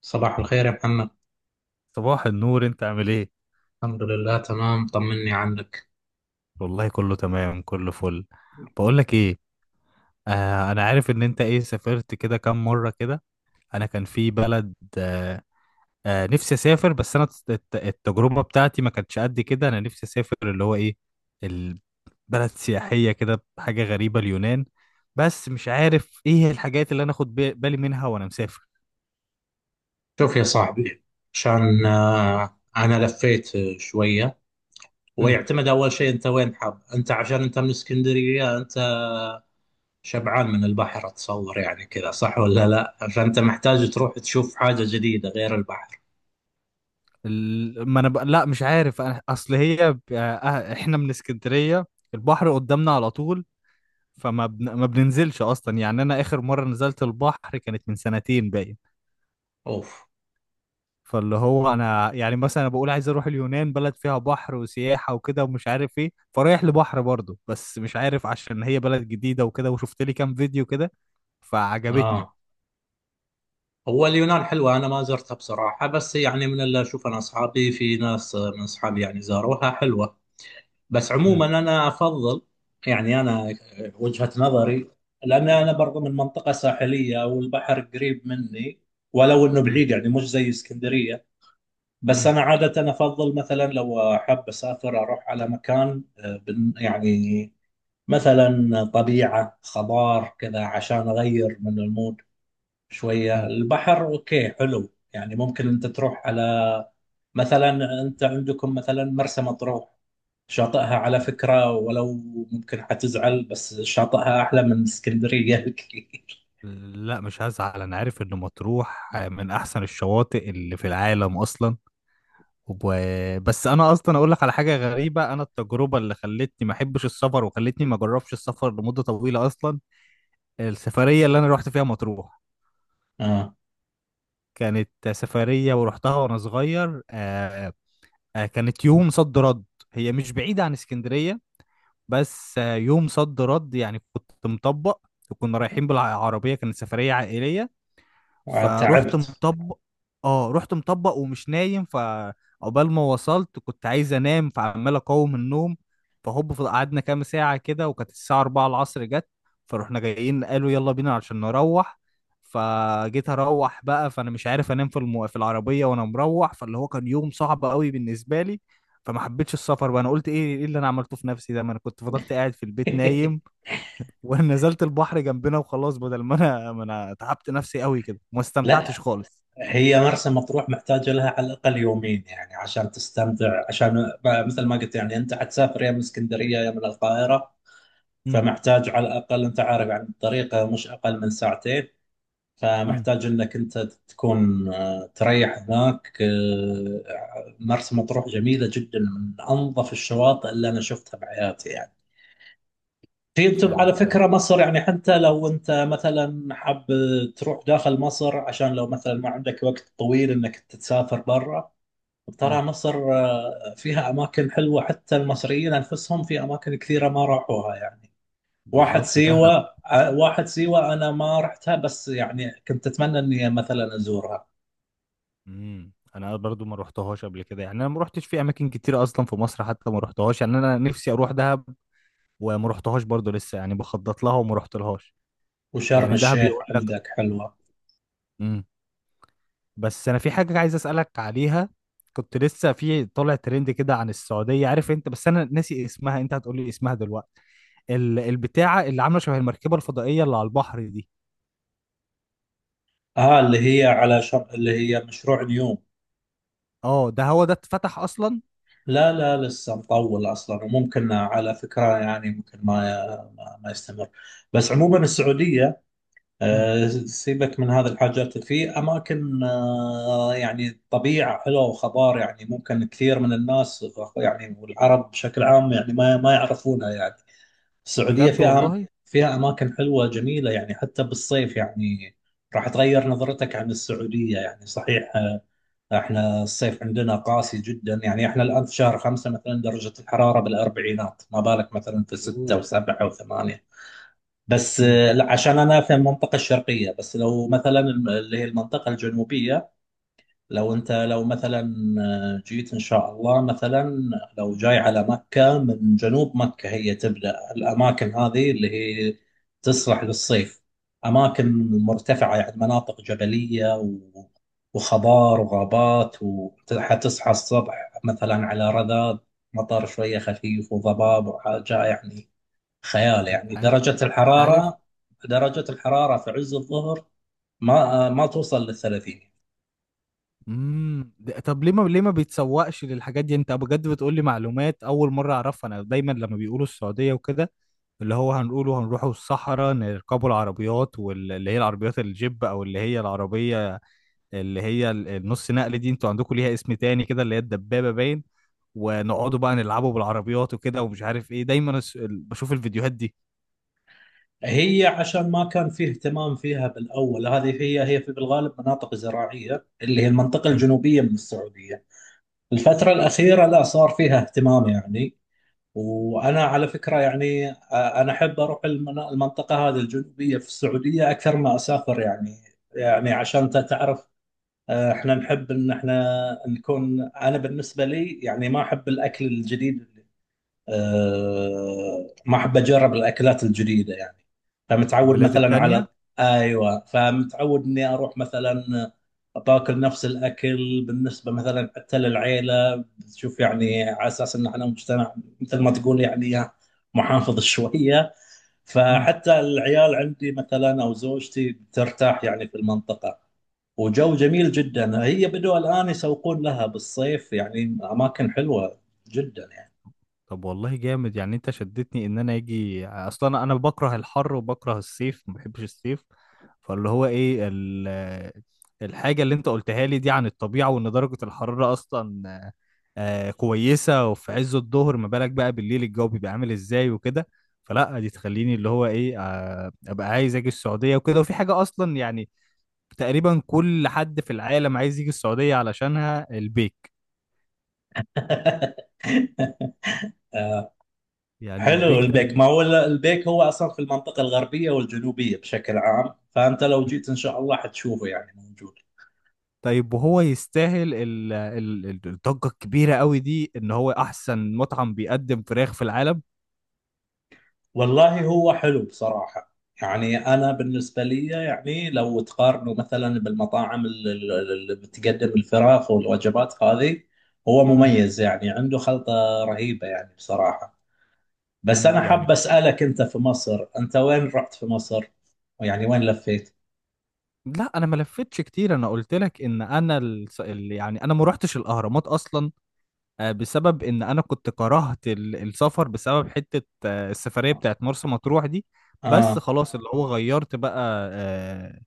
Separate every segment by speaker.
Speaker 1: صباح الخير يا محمد.
Speaker 2: صباح النور، انت عامل ايه؟
Speaker 1: الحمد لله، تمام. طمني عنك.
Speaker 2: والله كله تمام، كله فل. بقول لك ايه، انا عارف ان انت ايه، سافرت كده كام مره كده. انا كان في بلد نفسي اسافر بس انا التجربه بتاعتي ما كانتش قد كده. انا نفسي اسافر اللي هو ايه، البلد سياحيه كده، حاجه غريبه، اليونان. بس مش عارف ايه الحاجات اللي انا اخد بالي منها وانا مسافر.
Speaker 1: شوف يا صاحبي، عشان انا لفيت شويه.
Speaker 2: امم.
Speaker 1: ويعتمد اول شيء انت وين حاب. انت عشان انت من اسكندريه، انت شبعان من البحر، اتصور يعني كذا، صح ولا لا؟ فانت محتاج
Speaker 2: ال-
Speaker 1: تروح تشوف حاجه جديده غير البحر.
Speaker 2: ما انا لا، مش عارف اصل هي احنا من اسكندريه، البحر قدامنا على طول. ما بننزلش اصلا، يعني انا اخر مره نزلت البحر كانت من سنتين باين.
Speaker 1: اوف.
Speaker 2: فاللي هو انا يعني مثلا أنا بقول عايز اروح اليونان، بلد فيها بحر وسياحه وكده ومش عارف ايه، فرايح لبحر برضه بس مش عارف، عشان هي بلد جديده وكده، وشفت لي كام فيديو كده فعجبتني.
Speaker 1: اه، هو اليونان حلوه، انا ما زرتها بصراحه، بس يعني من اللي اشوف انا اصحابي، في ناس من اصحابي يعني زاروها، حلوه. بس
Speaker 2: مم.
Speaker 1: عموما انا افضل، يعني انا، وجهة نظري، لان انا برضو من منطقة ساحلية والبحر قريب مني، ولو انه
Speaker 2: مم.
Speaker 1: بعيد يعني مش زي اسكندرية. بس
Speaker 2: مم.
Speaker 1: انا عادة افضل مثلا لو احب اسافر اروح على مكان، يعني مثلا طبيعة خضار كذا، عشان اغير من المود. شوية البحر اوكي، حلو. يعني ممكن انت تروح على، مثلا انت عندكم مثلا مرسى مطروح. شاطئها على
Speaker 2: مم.
Speaker 1: فكرة، ولو ممكن حتزعل بس شاطئها أحلى من اسكندرية بكثير.
Speaker 2: لا مش هزعل، انا عارف ان مطروح من احسن الشواطئ اللي في العالم اصلا. بس انا اصلا اقول لك على حاجه غريبه. انا التجربه اللي خلتني ما احبش السفر وخلتني ما اجربش السفر لمده طويله اصلا. السفريه اللي انا رحت فيها مطروح
Speaker 1: آه.
Speaker 2: كانت سفريه، ورحتها وانا صغير كانت يوم صد رد، هي مش بعيده عن اسكندريه، بس يوم صد رد يعني كنت مطبق. وكنا رايحين بالعربيه، كانت سفريه عائليه فروحت
Speaker 1: تعبت.
Speaker 2: مطبق. اه، رحت مطبق ومش نايم، فعقبال ما وصلت كنت عايز انام، فعمال اقاوم النوم. فهوب قعدنا كام ساعة كده، وكانت الساعة 4 العصر جت. فروحنا جايين قالوا يلا بينا عشان نروح. فجيت اروح بقى، فانا مش عارف انام في في العربية وانا مروح، فاللي هو كان يوم صعب قوي بالنسبة لي. فما حبيتش السفر بقى. انا قلت ايه اللي انا عملته في نفسي ده، ما انا كنت فضلت قاعد في البيت نايم، ونزلت البحر جنبنا وخلاص، بدل ما انا تعبت نفسي قوي كده وما استمتعتش
Speaker 1: لا،
Speaker 2: خالص.
Speaker 1: هي مرسى مطروح محتاجة لها على الأقل يومين يعني عشان تستمتع. عشان مثل ما قلت يعني، أنت حتسافر يا من اسكندرية يا من القاهرة،
Speaker 2: امم.
Speaker 1: فمحتاج على الأقل، أنت عارف يعني، الطريقة مش أقل من ساعتين.
Speaker 2: امم.
Speaker 1: فمحتاج انك انت تكون تريح هناك. مرسى مطروح جميله جدا، من انظف الشواطئ اللي انا شفتها بحياتي يعني. في انت
Speaker 2: فعلا
Speaker 1: على
Speaker 2: فعلا.
Speaker 1: فكره، مصر يعني حتى لو انت مثلا حاب تروح داخل مصر، عشان لو مثلا ما عندك وقت طويل انك تسافر برا،
Speaker 2: امم.
Speaker 1: ترى مصر فيها اماكن حلوه، حتى المصريين انفسهم في اماكن كثيره ما راحوها يعني. واحد
Speaker 2: بالظبط، دهب.
Speaker 1: سيوه. واحد سيوه، انا ما رحتها، بس يعني كنت اتمنى اني مثلا ازورها.
Speaker 2: امم. انا برضو ما روحتهاش قبل كده، يعني انا ما روحتش في اماكن كتير اصلا في مصر، حتى ما روحتهاش. يعني انا نفسي اروح دهب وما روحتهاش برضو لسه، يعني بخطط لها وما روحتلهاش.
Speaker 1: وشرم
Speaker 2: يعني دهب
Speaker 1: الشيخ
Speaker 2: يقول لك.
Speaker 1: عندك حلوة.
Speaker 2: امم. بس انا في حاجه عايز اسالك عليها. كنت لسه في طالع ترند كده عن السعوديه، عارف انت، بس انا ناسي اسمها، انت هتقولي اسمها دلوقتي. البتاعه اللي عامله شبه المركبه الفضائيه اللي على البحر دي.
Speaker 1: اه، اللي هي مشروع نيوم.
Speaker 2: اه ده هو ده، اتفتح اصلا؟
Speaker 1: لا لا، لسه مطول اصلا. وممكن على فكرة يعني، ممكن ما يستمر. بس عموما السعودية،
Speaker 2: امم.
Speaker 1: سيبك من هذه الحاجات. في اماكن يعني طبيعة حلوة وخضار، يعني ممكن كثير من الناس يعني، والعرب بشكل عام يعني ما يعرفونها يعني. السعودية
Speaker 2: بجد
Speaker 1: فيها،
Speaker 2: والله.
Speaker 1: فيها أماكن حلوة جميلة يعني، حتى بالصيف يعني راح تغير نظرتك عن السعودية. يعني صحيح، احنا الصيف عندنا قاسي جدا، يعني احنا الآن في شهر 5 مثلا درجة الحرارة بالأربعينات، ما بالك مثلا في ستة
Speaker 2: اوه.
Speaker 1: وسبعة وثمانية بس
Speaker 2: امم.
Speaker 1: لا، عشان أنا في المنطقة الشرقية. بس لو مثلا اللي هي المنطقة الجنوبية، لو انت لو مثلا جيت ان شاء الله مثلا، لو جاي على مكة، من جنوب مكة هي تبدأ الاماكن هذه اللي هي تصلح للصيف. اماكن مرتفعة يعني، مناطق جبلية وخضار وغابات، وحتصحى الصبح مثلا على رذاذ مطر شوية خفيف وضباب وحاجة يعني خيال.
Speaker 2: انت
Speaker 1: يعني
Speaker 2: عارف
Speaker 1: درجة
Speaker 2: انت عارف.
Speaker 1: الحرارة، درجة الحرارة في عز الظهر ما توصل للـ30.
Speaker 2: امم. طب ليه ما بيتسوقش للحاجات دي؟ انت بجد بتقول لي معلومات اول مره اعرفها. انا دايما لما بيقولوا السعوديه وكده، اللي هو هنقوله هنروحوا الصحراء نركبوا العربيات، واللي هي العربيات الجيب او اللي هي العربيه اللي هي النص نقل دي، انتوا عندكم ليها اسم تاني كده اللي هي الدبابه باين. ونقعدوا بقى نلعبوا بالعربيات وكده ومش عارف ايه، دايما بشوف الفيديوهات دي.
Speaker 1: هي عشان ما كان فيه اهتمام فيها بالأول، هذه هي، هي في بالغالب مناطق زراعية اللي هي المنطقة
Speaker 2: مم.
Speaker 1: الجنوبية من السعودية. الفترة الأخيرة لا، صار فيها اهتمام يعني. وأنا على فكرة يعني أنا أحب أروح المنطقة هذه الجنوبية في السعودية أكثر ما أسافر يعني. يعني عشان تعرف، احنا نحب ان احنا نكون، انا بالنسبه لي يعني ما احب الاكل الجديد. ما احب اجرب الاكلات الجديده يعني. فمتعود
Speaker 2: البلاد
Speaker 1: مثلا
Speaker 2: التانية.
Speaker 1: على، ايوه فمتعود اني اروح مثلا باكل نفس الاكل، بالنسبه مثلا حتى للعيله، بتشوف يعني على اساس ان احنا مجتمع مثل ما تقول يعني محافظ شويه.
Speaker 2: امم.
Speaker 1: فحتى العيال عندي مثلا او زوجتي بترتاح يعني في المنطقه. وجو جميل جدا. هي بدوا الان يسوقون لها بالصيف يعني، اماكن حلوه جدا
Speaker 2: طب والله جامد، يعني انت شدتني ان انا اجي اصلا. انا بكره الحر وبكره الصيف، ما بحبش الصيف. فاللي هو ايه الحاجة اللي انت قلتها لي دي عن الطبيعة، وان درجة الحرارة اصلا كويسة، وفي عز الظهر، ما بالك بقى بالليل الجو بيبقى عامل ازاي وكده. فلا دي تخليني اللي هو ايه ابقى عايز اجي السعودية وكده. وفي حاجة اصلا يعني، تقريبا كل حد في العالم عايز يجي السعودية علشانها، البيك.
Speaker 1: يعني.
Speaker 2: يعني
Speaker 1: حلو
Speaker 2: البيك ده
Speaker 1: البيك. ما هو البيك هو اصلا في المنطقه الغربيه والجنوبيه بشكل عام، فانت لو جيت ان شاء الله حتشوفه يعني موجود.
Speaker 2: طيب وهو يستاهل الضجة الكبيرة قوي دي، ان هو احسن مطعم بيقدم فراخ في العالم؟
Speaker 1: والله هو حلو بصراحه، يعني انا بالنسبه لي يعني، لو تقارنه مثلا بالمطاعم اللي بتقدم الفراخ والوجبات هذه، هو
Speaker 2: مم.
Speaker 1: مميز يعني، عنده خلطه رهيبه يعني بصراحه. بس انا
Speaker 2: مم.
Speaker 1: حاب
Speaker 2: يعني
Speaker 1: اسالك، انت في مصر انت وين رحت في مصر؟ يعني وين لفيت؟
Speaker 2: لا، انا ما لفتش كتير، انا قلت لك ان انا يعني انا ما روحتش الاهرامات اصلا، بسبب ان انا كنت كرهت السفر بسبب حتة السفرية بتاعت مرسى مطروح دي. بس
Speaker 1: آه.
Speaker 2: خلاص اللي هو غيرت بقى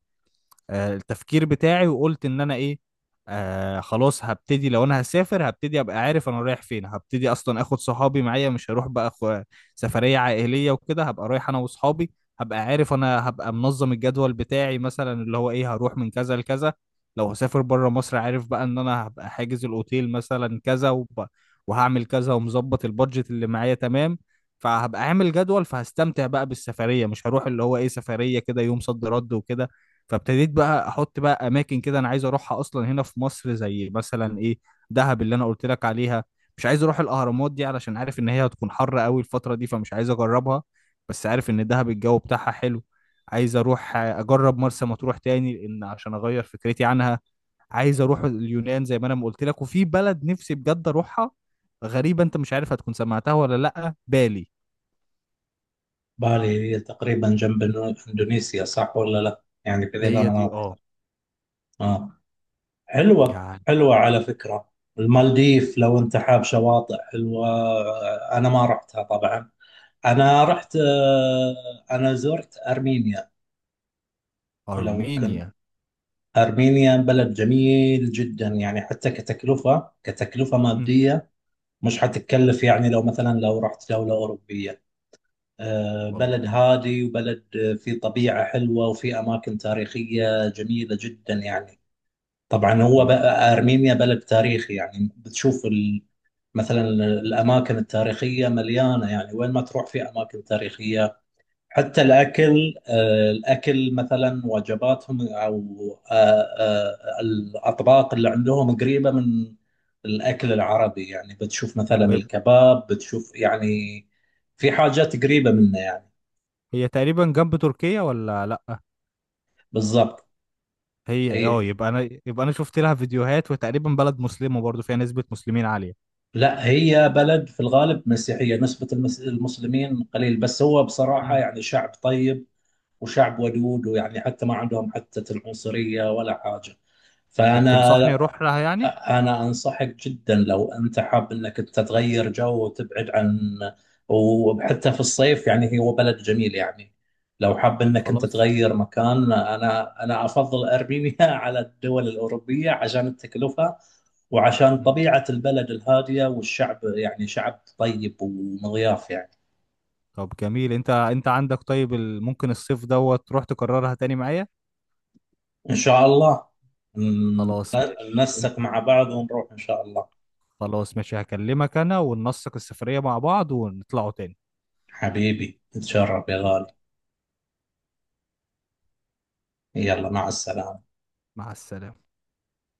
Speaker 2: التفكير بتاعي. وقلت ان انا ايه، خلاص هبتدي، لو انا هسافر هبتدي ابقى عارف انا رايح فين، هبتدي اصلا اخد صحابي معايا، مش هروح بقى أخو سفرية عائلية وكده، هبقى رايح انا وصحابي. هبقى عارف، انا هبقى منظم الجدول بتاعي مثلا اللي هو ايه، هروح من كذا لكذا. لو هسافر بره مصر، عارف بقى ان انا هبقى حاجز الاوتيل مثلا كذا وهعمل كذا ومظبط البادجت اللي معايا تمام. فهبقى عامل جدول فهستمتع بقى بالسفرية، مش هروح اللي هو ايه سفرية كده يوم صد رد وكده. فابتديت بقى احط بقى اماكن كده انا عايز اروحها اصلا هنا في مصر، زي مثلا ايه، دهب اللي انا قلت لك عليها. مش عايز اروح الاهرامات دي علشان عارف ان هي هتكون حر قوي الفتره دي، فمش عايز اجربها. بس عارف ان دهب الجو بتاعها حلو. عايز اروح اجرب مرسى مطروح تاني لان عشان اغير فكرتي عنها. عايز اروح اليونان زي ما انا ما قلت لك، وفي بلد نفسي بجد اروحها غريبه، انت مش عارف هتكون سمعتها ولا لا، بالي.
Speaker 1: بالي هي تقريبا جنب إندونيسيا، صح ولا لا؟ يعني في ذي
Speaker 2: هي دي،
Speaker 1: المناطق.
Speaker 2: اه.
Speaker 1: آه، حلوة
Speaker 2: يعني
Speaker 1: حلوة على فكرة. المالديف لو أنت حاب شواطئ حلوة. أنا ما رحتها طبعا. أنا رحت، أنا زرت أرمينيا. لو كنت،
Speaker 2: ارمينيا.
Speaker 1: أرمينيا بلد جميل جدا يعني، حتى كتكلفة، كتكلفة
Speaker 2: مم.
Speaker 1: مادية مش حتكلف، يعني لو مثلا لو رحت دولة أوروبية.
Speaker 2: والله.
Speaker 1: بلد هادي وبلد فيه طبيعة حلوة، وفيه أماكن تاريخية جميلة جدا يعني. طبعا هو
Speaker 2: مم.
Speaker 1: بقى أرمينيا بلد تاريخي يعني، بتشوف مثلا الأماكن التاريخية مليانة يعني وين ما تروح في أماكن تاريخية. حتى الأكل، الأكل مثلا وجباتهم، أو الأطباق اللي عندهم قريبة من الأكل العربي، يعني بتشوف مثلا الكباب، بتشوف يعني في حاجات قريبة منه يعني.
Speaker 2: هي تقريبا جنب تركيا ولا لأ؟
Speaker 1: بالضبط.
Speaker 2: هي اه،
Speaker 1: هي
Speaker 2: يبقى انا شفت لها فيديوهات، وتقريبا بلد مسلمة برضو فيها نسبة مسلمين عالية.
Speaker 1: لا، هي بلد في الغالب مسيحية، نسبة المسلمين قليل، بس هو بصراحة
Speaker 2: امم.
Speaker 1: يعني شعب طيب وشعب ودود، ويعني حتى ما عندهم حتى العنصرية ولا حاجة.
Speaker 2: طب
Speaker 1: فأنا،
Speaker 2: تنصحني اروح لها يعني؟
Speaker 1: أنا أنصحك جدا لو أنت حاب أنك أنت تغير جو وتبعد عن، وحتى في الصيف يعني هو بلد جميل يعني. لو حاب أنك أنت
Speaker 2: خلاص.
Speaker 1: تغير مكان، أنا أفضل أرمينيا على الدول الأوروبية، عشان التكلفة وعشان
Speaker 2: مم.
Speaker 1: طبيعة البلد الهادية والشعب، يعني شعب طيب ومضياف يعني.
Speaker 2: طب جميل. انت عندك طيب ممكن الصيف دوت تروح تكررها تاني معايا.
Speaker 1: إن شاء الله. ن-
Speaker 2: خلاص ماشي انت.
Speaker 1: ننسق مع بعض ونروح إن شاء الله.
Speaker 2: خلاص ماشي، هكلمك انا وننسق السفرية مع بعض ونطلعوا تاني.
Speaker 1: حبيبي تشرف يا غالي. يلا، مع السلامة.
Speaker 2: مع السلامة.